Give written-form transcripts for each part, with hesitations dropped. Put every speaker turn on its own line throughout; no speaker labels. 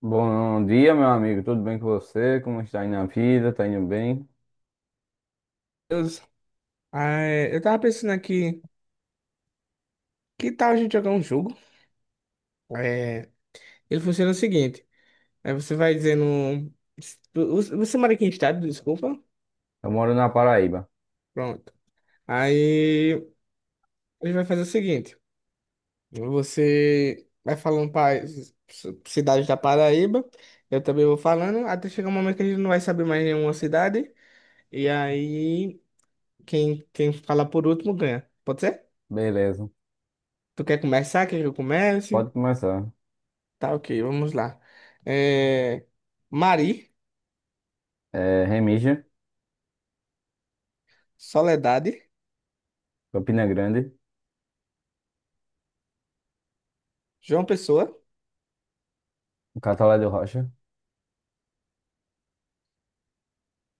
Bom dia, meu amigo. Tudo bem com você? Como está indo na vida? Tá indo bem?
Deus. Ah, é, eu tava pensando aqui, que tal a gente jogar um jogo? É, ele funciona o seguinte, aí você vai dizendo... Você mora aqui em estado, desculpa?
Eu moro na Paraíba.
Pronto. Aí ele vai fazer o seguinte, você vai falando para cidades da Paraíba, eu também vou falando, até chegar um momento que a gente não vai saber mais nenhuma cidade, e aí quem falar por último ganha. Pode ser?
Beleza.
Tu quer começar? Quer que eu comece?
Pode começar.
Tá, ok, vamos lá. É, Mari,
Remígio,
Soledade,
Campina Grande,
João Pessoa.
Catolé do Rocha.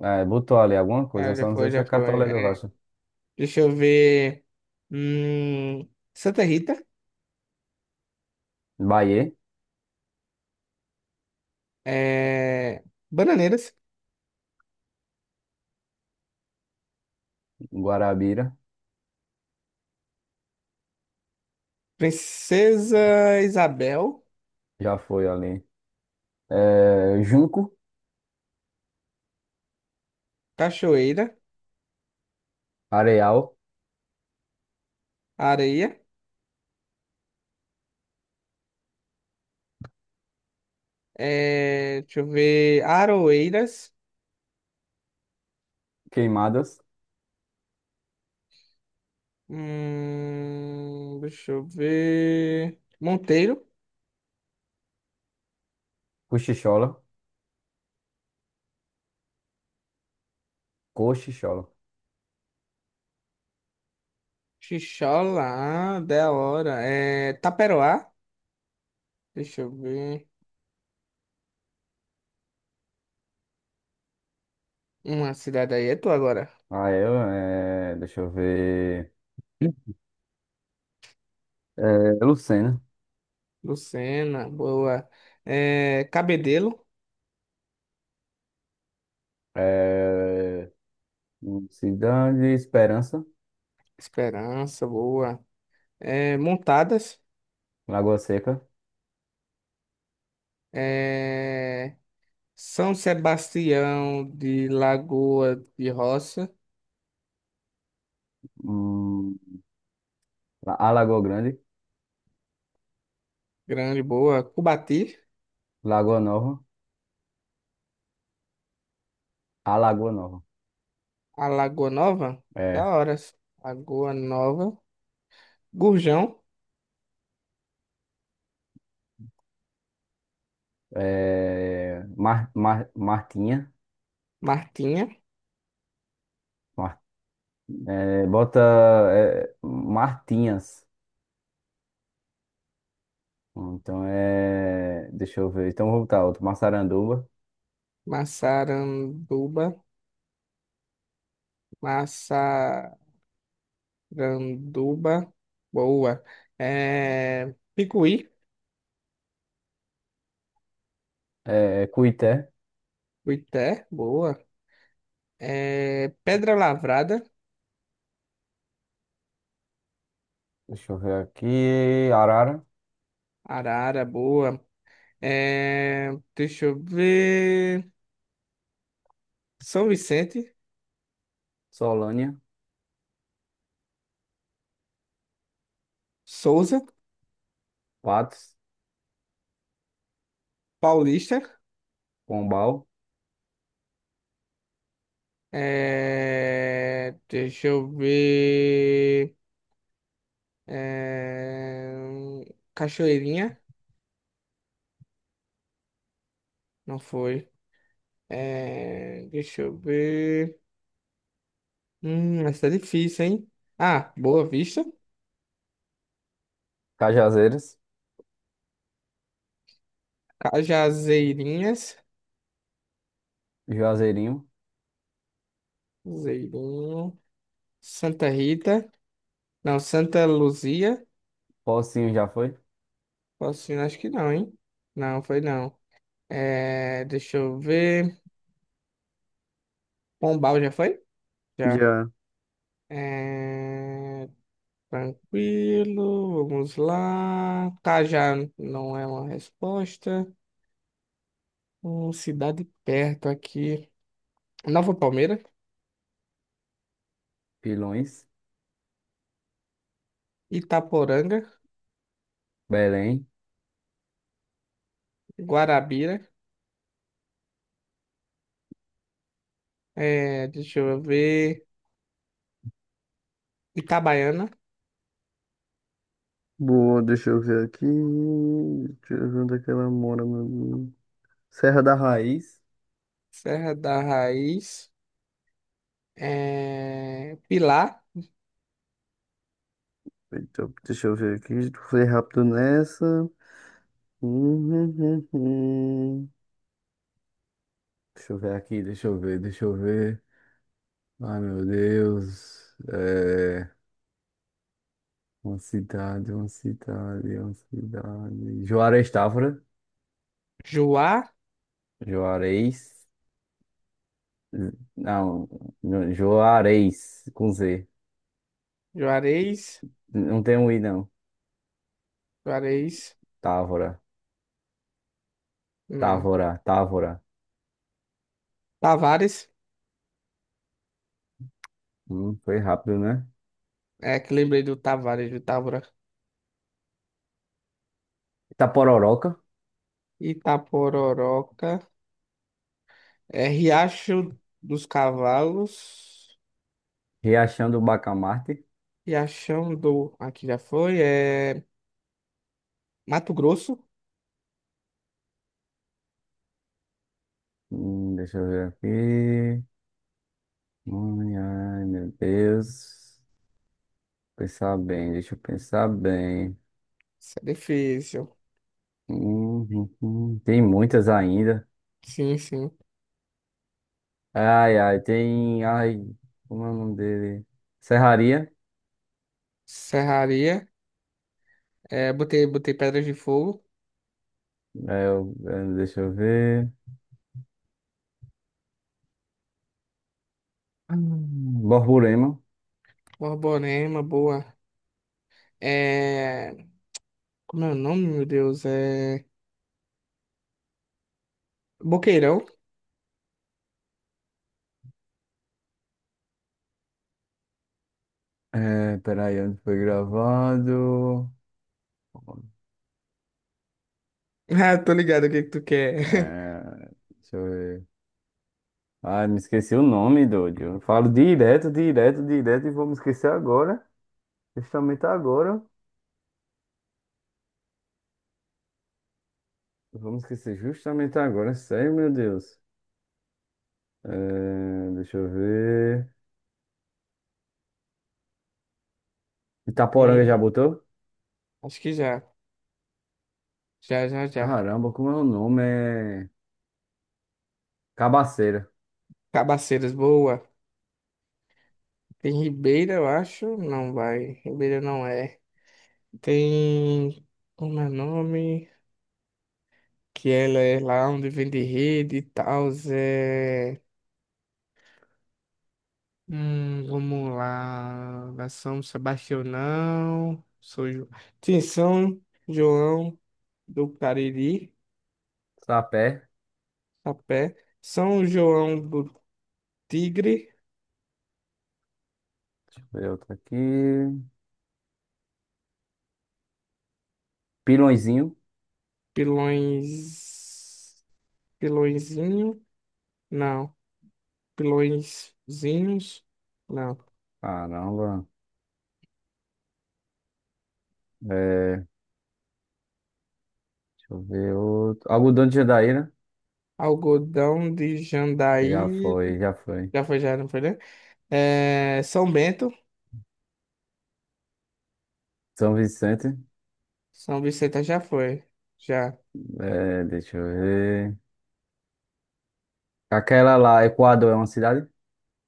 Botou ali alguma coisa,
Ah, já
só não sei
foi,
se é
já foi.
Catolé do
É,
Rocha.
deixa eu ver. Santa Rita,
Bahia,
é, Bananeiras,
Guarabira,
Princesa Isabel,
já foi ali. Junco,
Cachoeira,
Areal,
Areia. É, deixa eu ver. Aroeiras.
Queimadas,
Hum, deixa eu ver. Monteiro,
Cochichola, Cochichola.
Xixola, ah, da hora. É... Taperoá. Deixa eu ver. Uma cidade aí é tu agora.
Ah, deixa eu ver. É, Lucena.
Lucena, boa. É, Cabedelo,
É, Cidade Esperança,
Esperança, boa. É, Montadas,
Lagoa Seca,
é, São Sebastião de Lagoa de Roça,
hum, a Lagoa Grande,
grande, boa. Cubati,
Lagoa Nova, a Lagoa Nova.
a Lagoa Nova, da
É,
hora. Lagoa Nova, Gurjão,
Martinha,
Martinha,
Mar- é, bota Martinhas. Deixa eu ver. Então vou botar outro. Massaranduba,
Massaranduba, Massaranduba, boa. É, Picuí.
é Cuité,
Boité, boa. É, Pedra Lavrada,
deixa eu ver aqui. Arara,
Arara, boa. É, deixa eu ver. São Vicente,
Solânia,
Souza,
Patos,
Paulista.
Pombal,
É, deixa eu ver. É, Cachoeirinha, não foi. É, deixa eu ver. Essa é difícil, hein? Ah, Boa Vista,
Cajazeiras,
Cajazeirinhas,
Juazeirinho,
Zeirinho, Santa Rita. Não, Santa Luzia?
Pocinho já foi,
Patrocínio, acho que não, hein? Não, foi não. É, deixa eu ver. Pombal já foi? Já.
já.
É, tranquilo, vamos lá. Cajá não é uma resposta. Cidade perto aqui. Nova Palmeira,
Pilões.
Itaporanga,
Belém.
Guarabira. É, deixa eu ver. Itabaiana,
Boa, deixa eu ver aqui. Deixa eu ver onde é que ela mora, meu amigo. Serra da Raiz.
Serra da Raiz, é, Pilar,
Eita, deixa eu ver aqui. Foi rápido nessa. Hum, hum, hum, hum. Deixa eu ver aqui, deixa eu ver, deixa eu ver. Ai, meu Deus. Uma cidade, uma cidade, uma cidade. Juarez Távora.
Juá.
Juarez. Não, Juarez, com Z.
Juarez,
Não tem um I, não.
Juarez,
Távora.
não.
Távora, Távora.
Tavares,
Foi rápido, né?
é que lembrei do Tavares, do Távora.
Itapororoca,
Itapororoca, é Riacho dos Cavalos,
Riachão do Bacamarte.
Riachão do, aqui já foi, é Mato Grosso,
Deixa eu ver aqui. Ai, meu Deus. Pensar bem, deixa eu pensar bem.
isso é difícil.
Tem muitas ainda.
Sim, sim.
Ai, ai, tem. Ai, como é o nome dele? Serraria.
Serraria, é, botei, botei Pedras de Fogo,
Deixa eu ver. Borborema.
Borborema, boa. É, como é o nome, meu Deus? É Boqueirão.
Peraí, onde foi gravado?
Ah, tô ligado o que que tu quer.
É, Deixa eu ver. Ai, me esqueci o nome, doido. Eu falo direto, direto, direto e vou me esquecer agora. Justamente agora. Vou me esquecer justamente agora. Sério, meu Deus. Deixa eu ver. Itaporanga já
Hum,
botou?
acho que já, já.
Caramba, como é o nome? Cabaceira.
Cabaceiras, boa. Tem Ribeira, eu acho. Não vai. Ribeira não é. Tem. Como é o nome? Que ela é lá onde vende rede e tal. É... vamos lá. Da São Sebastião, não. Sou Jo- Tem São João do Cariri,
Sapé.
a pé. São João do Tigre,
Deixa eu ver outro aqui. Pilõezinho.
Pilões. Pilõezinho? Não. Pilõezinhos? Não.
Caramba. Deixa eu ver outro. Algodão de Jandaíra.
Algodão de
Já
Jandaíra.
foi, já foi.
Já foi, já não foi, né? É, São Bento.
São Vicente.
São Vicente já foi. Já.
Deixa eu ver. Aquela lá, Equador é uma cidade?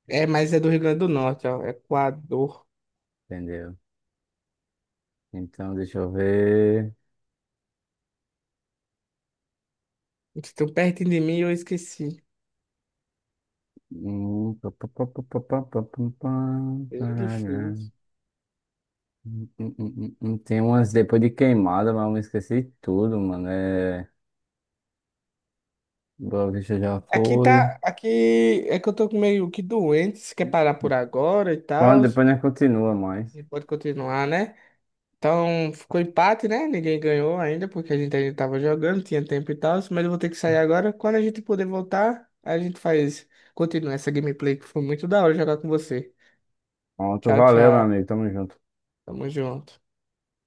É, mas é do Rio Grande do Norte, ó. Equador.
Entendeu? Então, deixa eu ver.
Eles tão pertinho de mim, e eu esqueci.
Pá, pá, pá, pá, pá, pá, pá, pá, pá,
É
parará.
difícil.
Tem umas depois de queimada, mas eu me esqueci tudo, mano. Boa Vista já
Aqui
foi.
tá. Aqui é que eu tô meio que doente. Se quer parar por agora e
Pronto,
tal.
depois nós continua mais.
E pode continuar, né? Então ficou empate, né? Ninguém ganhou ainda porque a gente ainda tava jogando, tinha tempo e tal, mas eu vou ter que sair agora. Quando a gente puder voltar, a gente faz, continua essa gameplay que foi muito da hora jogar com você.
Pronto,
Tchau,
valeu, meu
tchau.
amigo. Tamo junto.
Tamo junto.